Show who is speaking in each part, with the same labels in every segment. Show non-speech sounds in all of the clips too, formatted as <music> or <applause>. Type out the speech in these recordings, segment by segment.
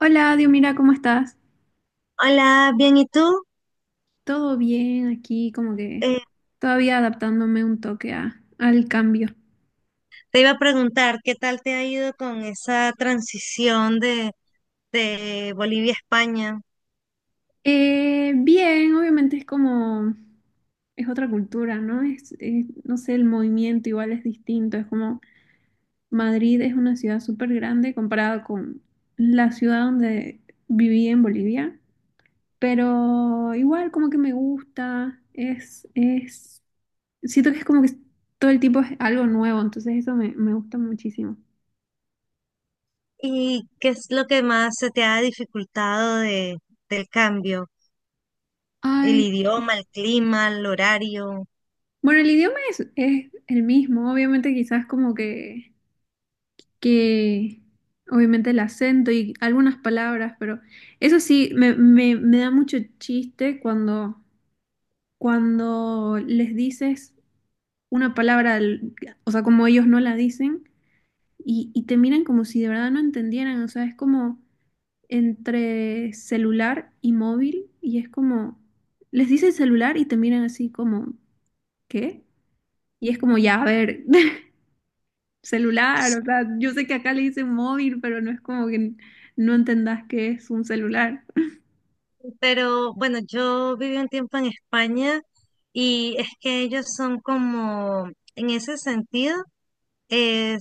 Speaker 1: Hola, Dios, mira, ¿cómo estás?
Speaker 2: Hola, bien, ¿y tú?
Speaker 1: Todo bien aquí, como que
Speaker 2: Eh,
Speaker 1: todavía adaptándome un toque al cambio.
Speaker 2: Te iba a preguntar, ¿qué tal te ha ido con esa transición de Bolivia a España?
Speaker 1: Bien, obviamente es como, es otra cultura, ¿no? No sé, el movimiento igual es distinto, es como Madrid es una ciudad súper grande comparada con la ciudad donde viví en Bolivia, pero igual como que me gusta, siento que es como que todo el tiempo es algo nuevo, entonces eso me gusta muchísimo.
Speaker 2: ¿Y qué es lo que más se te ha dificultado del cambio? El
Speaker 1: Ay,
Speaker 2: idioma, el clima, el horario.
Speaker 1: bueno, el idioma es el mismo, obviamente quizás como que, obviamente el acento y algunas palabras, pero eso sí, me da mucho chiste cuando les dices una palabra, o sea, como ellos no la dicen, y te miran como si de verdad no entendieran, o sea, es como entre celular y móvil, y es como, les dices celular y te miran así como, ¿qué? Y es como, ya, a ver. <laughs> Celular, o sea, yo sé que acá le dicen móvil, pero no es como que no entendás que es un celular.
Speaker 2: Pero bueno, yo viví un tiempo en España y es que ellos son como, en ese sentido.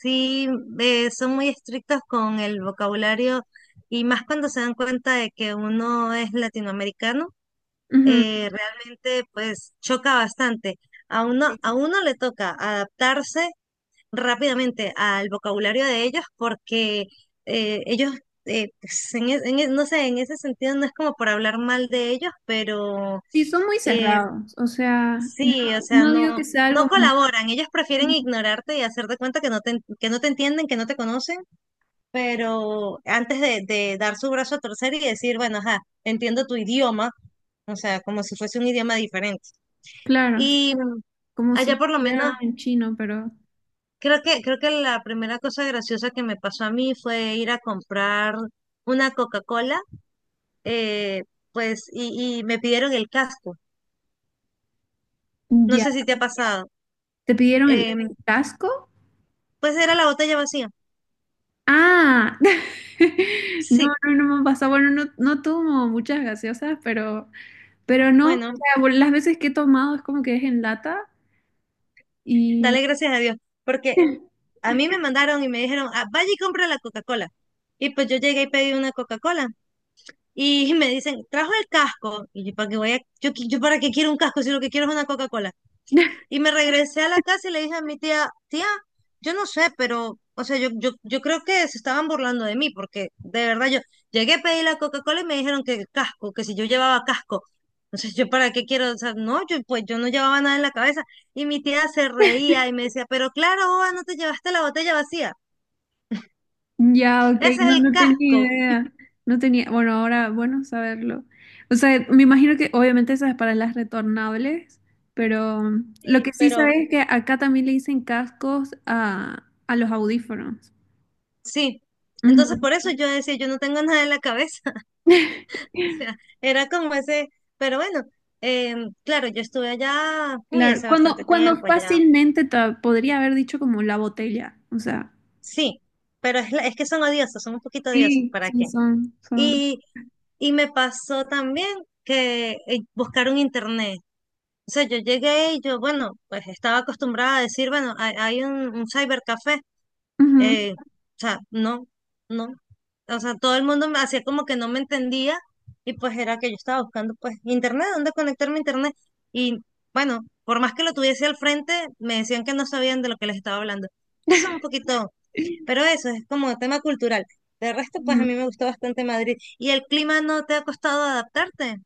Speaker 2: Sí, son muy estrictos con el vocabulario y más cuando se dan cuenta de que uno es latinoamericano.
Speaker 1: Ujú.
Speaker 2: Realmente pues choca bastante. A uno le toca adaptarse rápidamente al vocabulario de ellos porque ellos, pues, en e- no sé, en ese sentido no es como por hablar mal de ellos, pero
Speaker 1: Sí, son muy
Speaker 2: eh,
Speaker 1: cerrados, o sea, no,
Speaker 2: sí, o sea,
Speaker 1: no digo que
Speaker 2: no,
Speaker 1: sea
Speaker 2: no
Speaker 1: algo
Speaker 2: colaboran. Ellos prefieren ignorarte y hacer de cuenta que no que no te entienden, que no te conocen, pero antes de dar su brazo a torcer y decir, bueno, ajá, entiendo tu idioma, o sea, como si fuese un idioma diferente.
Speaker 1: claro,
Speaker 2: Y
Speaker 1: como si lo
Speaker 2: allá por lo
Speaker 1: hicieran
Speaker 2: menos,
Speaker 1: en chino, pero
Speaker 2: creo que la primera cosa graciosa que me pasó a mí fue ir a comprar una Coca-Cola, eh, y me pidieron el casco. No
Speaker 1: ya.
Speaker 2: sé si te ha pasado.
Speaker 1: ¿Te pidieron el
Speaker 2: Em,
Speaker 1: casco?
Speaker 2: pues era la botella vacía.
Speaker 1: Ah, <laughs> no,
Speaker 2: Sí.
Speaker 1: no, no me ha pasado. Bueno, no, no tomo muchas gaseosas, pero no. O
Speaker 2: Bueno,
Speaker 1: sea, bueno, las veces que he tomado es como que es en lata y
Speaker 2: dale gracias a Dios, porque
Speaker 1: <laughs>
Speaker 2: a mí me mandaron y me dijeron: "Ah, vaya y compra la Coca-Cola". Y pues yo llegué y pedí una Coca-Cola. Y <laughs> me dicen, ¿trajo el casco? Y yo, ¿para qué voy yo para qué quiero un casco si lo que quiero es una Coca-Cola? Y me regresé a la casa y le dije a mi tía: tía, yo no sé, pero, o sea, yo creo que se estaban burlando de mí, porque de verdad yo llegué a pedir la Coca-Cola y me dijeron que el casco, que si yo llevaba casco. Entonces, ¿yo para qué quiero? O sea, no, yo pues yo no llevaba nada en la cabeza. Y mi tía se reía y me decía, pero claro, boba, no te llevaste la botella vacía.
Speaker 1: ya, ok,
Speaker 2: Ese es
Speaker 1: no,
Speaker 2: el
Speaker 1: no tenía
Speaker 2: casco.
Speaker 1: idea. No tenía, bueno, ahora, bueno, saberlo. O sea, me imagino que obviamente esas para las retornables, pero lo que
Speaker 2: Sí,
Speaker 1: sí sabes
Speaker 2: pero
Speaker 1: es que acá también le dicen cascos a los audífonos.
Speaker 2: sí. Entonces,
Speaker 1: Ujú.
Speaker 2: por eso yo decía, yo no tengo nada en la cabeza. <laughs> O sea,
Speaker 1: <laughs>
Speaker 2: era como ese, pero bueno, claro, yo estuve allá, uy,
Speaker 1: Claro,
Speaker 2: hace bastante
Speaker 1: cuando
Speaker 2: tiempo ya,
Speaker 1: fácilmente te podría haber dicho como la botella, o sea.
Speaker 2: sí, pero es que son odiosos, son un poquito odiosos,
Speaker 1: Sí,
Speaker 2: ¿para
Speaker 1: sí,
Speaker 2: qué?
Speaker 1: son, son.
Speaker 2: Y, y me pasó también que buscaron internet. O sea, yo llegué y yo, bueno, pues estaba acostumbrada a decir, bueno, hay un cybercafé.
Speaker 1: Ujú.
Speaker 2: eh, o sea, no, no. O sea, todo el mundo me hacía como que no me entendía y pues era que yo estaba buscando pues internet, dónde conectarme a internet. Y bueno, por más que lo tuviese al frente, me decían que no sabían de lo que les estaba hablando. Sí, son un poquito,
Speaker 1: <laughs>
Speaker 2: pero eso es como tema cultural. De resto, pues a
Speaker 1: Ujú.
Speaker 2: mí me gustó bastante Madrid. ¿Y el clima no te ha costado adaptarte?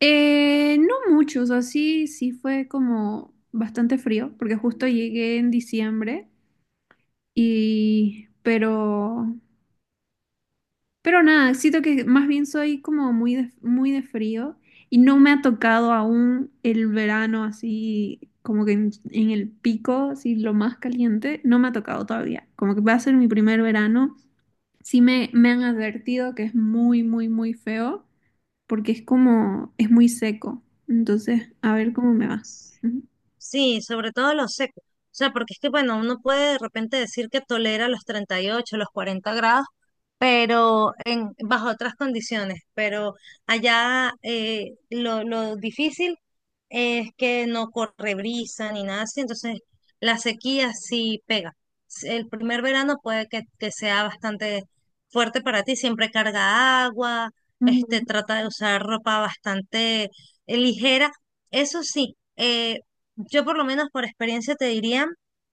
Speaker 1: No mucho, o sea, sí, sí fue como bastante frío, porque justo llegué en diciembre y, pero nada, siento que más bien soy como muy de frío y no me ha tocado aún el verano así, como que en el pico, así lo más caliente, no me ha tocado todavía, como que va a ser mi primer verano, sí me han advertido que es muy, muy, muy feo porque es como, es muy seco. Entonces, a ver cómo me va. Ujú.
Speaker 2: Sí, sobre todo lo seco. O sea, porque es que, bueno, uno puede de repente decir que tolera los 38 los 40 grados, pero en, bajo otras condiciones. Pero allá lo difícil es que no corre brisa ni nada así, entonces la sequía sí pega. El primer verano puede que sea bastante fuerte para ti. Siempre carga agua,
Speaker 1: Ujú.
Speaker 2: este, trata de usar ropa bastante ligera. Eso sí, yo por lo menos por experiencia te diría,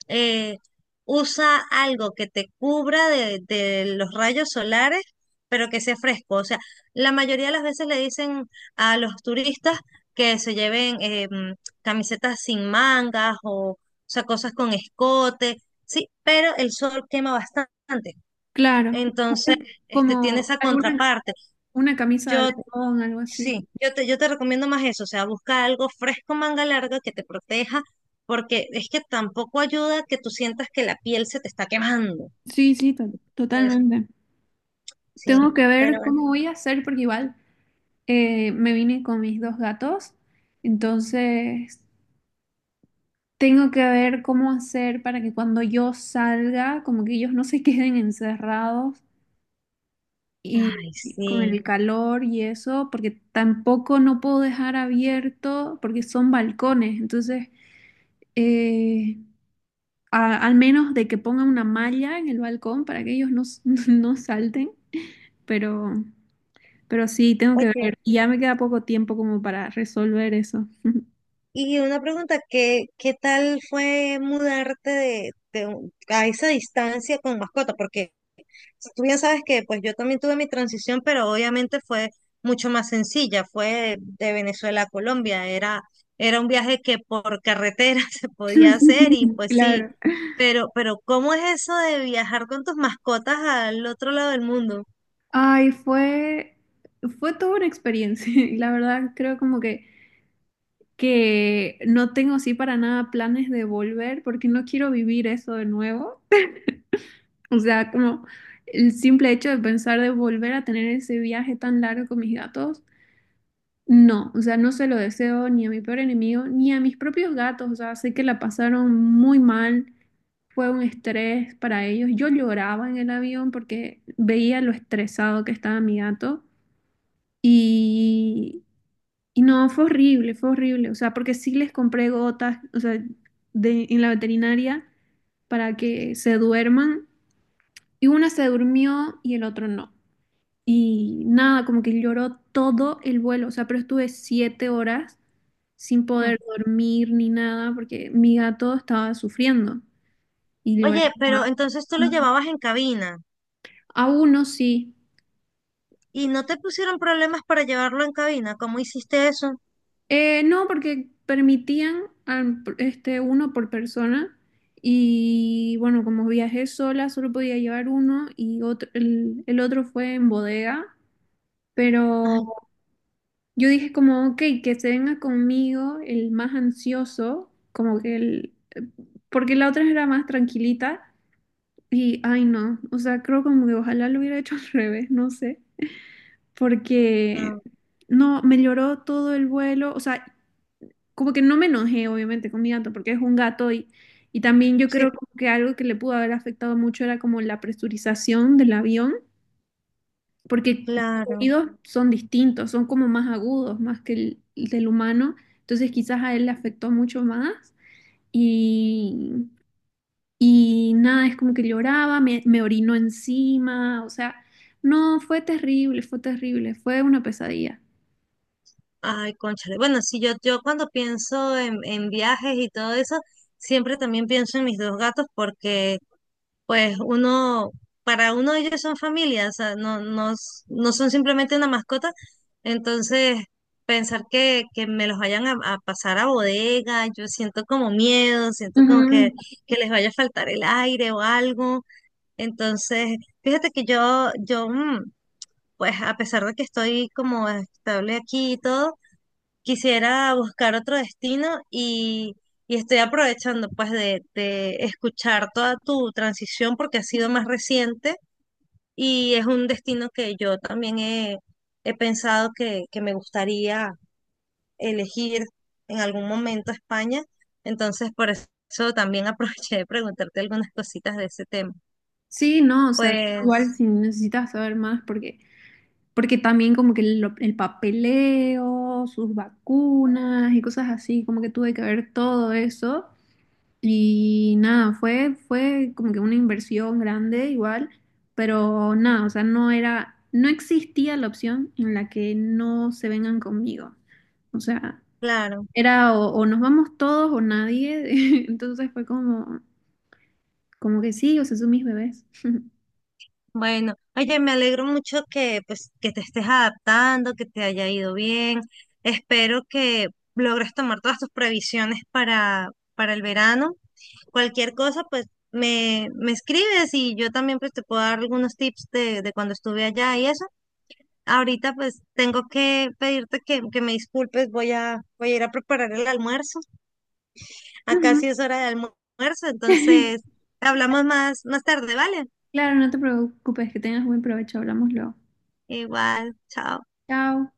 Speaker 2: eh, usa algo que te cubra de los rayos solares, pero que sea fresco. O sea, la mayoría de las veces le dicen a los turistas que se lleven camisetas sin mangas o sea, cosas con escote, sí, pero el sol quema bastante.
Speaker 1: Claro,
Speaker 2: Entonces, este tiene
Speaker 1: como
Speaker 2: esa
Speaker 1: alguna
Speaker 2: contraparte.
Speaker 1: una camisa de
Speaker 2: Yo
Speaker 1: algodón, algo así.
Speaker 2: yo te recomiendo más eso, o sea, busca algo fresco, manga larga que te proteja porque es que tampoco ayuda que tú sientas que la piel se te está quemando.
Speaker 1: Sí, sí, to-
Speaker 2: Entonces,
Speaker 1: totalmente.
Speaker 2: sí,
Speaker 1: Tengo que
Speaker 2: pero
Speaker 1: ver
Speaker 2: bueno.
Speaker 1: cómo voy a hacer porque igual me vine con mis dos gatos, entonces tengo que ver cómo hacer para que cuando yo salga, como que ellos no se <laughs> queden encerrados y
Speaker 2: Ay,
Speaker 1: con
Speaker 2: sí.
Speaker 1: el calor y eso, porque tampoco no puedo dejar abierto, porque son balcones. Entonces, eh, al menos de que pongan una malla en el balcón para que ellos no, <laughs> no salten, pero, pero sí, tengo que
Speaker 2: Oye,
Speaker 1: ver. Y ya me queda poco tiempo como para resolver eso.
Speaker 2: y una pregunta, ¿qué tal fue mudarte a esa distancia con mascota? Porque tú bien sabes que pues yo también tuve mi transición, pero obviamente fue mucho más sencilla, fue de Venezuela a Colombia, era un viaje que por carretera <laughs> se podía hacer y
Speaker 1: <laughs>
Speaker 2: pues sí,
Speaker 1: Claro.
Speaker 2: pero ¿cómo es eso de viajar con tus mascotas al otro lado del mundo?
Speaker 1: Ay, fue toda una experiencia. <laughs> La verdad, creo como que no tengo sí para nada planes de volver porque no quiero vivir eso de nuevo. O sea, como el simple hecho de pensar de volver a tener ese viaje tan largo con mis gatos, no, o sea, no se lo deseo ni a mi peor enemigo ni a mis propios gatos. O sea, sé que la pasaron muy mal, fue un estrés para ellos. Yo lloraba en el avión porque veía lo estresado que estaba mi gato. Y Y no, fue horrible, fue horrible. O sea, porque sí les compré gotas, o sea, en la veterinaria para que se duerman. Y una se durmió y el otro no. Y nada, como que lloró todo el vuelo. O sea, pero estuve 7 horas sin
Speaker 2: Mm.
Speaker 1: poder dormir ni nada porque mi gato estaba sufriendo y lloraba.
Speaker 2: Oye, pero entonces tú lo llevabas en cabina.
Speaker 1: A uno sí,
Speaker 2: ¿Y no te pusieron problemas para llevarlo en cabina? ¿Cómo hiciste eso?
Speaker 1: No, porque permitían este, uno por persona y bueno, como viajé sola, solo podía llevar uno y otro, el otro fue en bodega, pero
Speaker 2: Ay,
Speaker 1: yo dije como, ok, que se venga conmigo el más ansioso, como que el, porque la otra era más tranquilita y, ay no, o sea, creo como que ojalá lo hubiera hecho al <laughs> revés, no sé,
Speaker 2: ah,
Speaker 1: porque... No, me lloró todo el vuelo, o sea, como que no me enojé, obviamente, con mi gato, porque es un gato y también yo
Speaker 2: sí,
Speaker 1: creo como que algo que le pudo haber afectado mucho era como la presurización del avión, porque sus
Speaker 2: claro.
Speaker 1: oídos son distintos, son como más agudos, más que el del humano, entonces quizás a él le afectó mucho más y, y nada, es como que lloraba, me orinó encima, o sea, no, fue terrible, fue terrible, fue una pesadilla.
Speaker 2: Ay, cónchale. Bueno, sí, yo cuando pienso en viajes y todo eso, siempre también pienso en mis 2 gatos porque, pues, uno, para uno ellos son familia, o sea, no son simplemente una mascota. Entonces, pensar que me los vayan a pasar a bodega, yo siento como miedo, siento como
Speaker 1: Ujú.
Speaker 2: que les vaya a faltar el aire o algo. Entonces, fíjate que pues a pesar de que estoy como estable aquí y todo, quisiera buscar otro destino y estoy aprovechando pues de escuchar toda tu transición porque ha sido más reciente y es un destino que he pensado que me gustaría elegir en algún momento España. Entonces, por eso también <laughs> aproveché de preguntarte algunas cositas de ese tema.
Speaker 1: Sí, no, o sea, igual
Speaker 2: Pues,
Speaker 1: si necesitas saber más, Porque también como que el papeleo, sus vacunas y cosas así, como que tuve que ver todo eso. Y nada, fue como que una inversión grande igual, pero nada, o sea, no era, no existía la opción en la que no se vengan conmigo. O sea,
Speaker 2: claro.
Speaker 1: era o nos vamos todos o nadie. <laughs> Entonces fue como que sí, o sea, son mis bebés. <laughs>
Speaker 2: Bueno, oye, me alegro mucho que pues que te estés adaptando, que te haya ido bien. Espero que logres tomar todas tus previsiones para el verano. Cualquier cosa, pues me escribes y yo también pues te puedo dar algunos tips de cuando estuve allá y eso. Ahorita pues tengo que pedirte que me disculpes, voy a ir a preparar el almuerzo. Acá
Speaker 1: Ujú.
Speaker 2: sí es hora de almuerzo, entonces
Speaker 1: <laughs>
Speaker 2: hablamos más tarde, ¿vale?
Speaker 1: Claro, no te preocupes, que tengas buen provecho, hablamos luego.
Speaker 2: Igual, chao.
Speaker 1: Chao.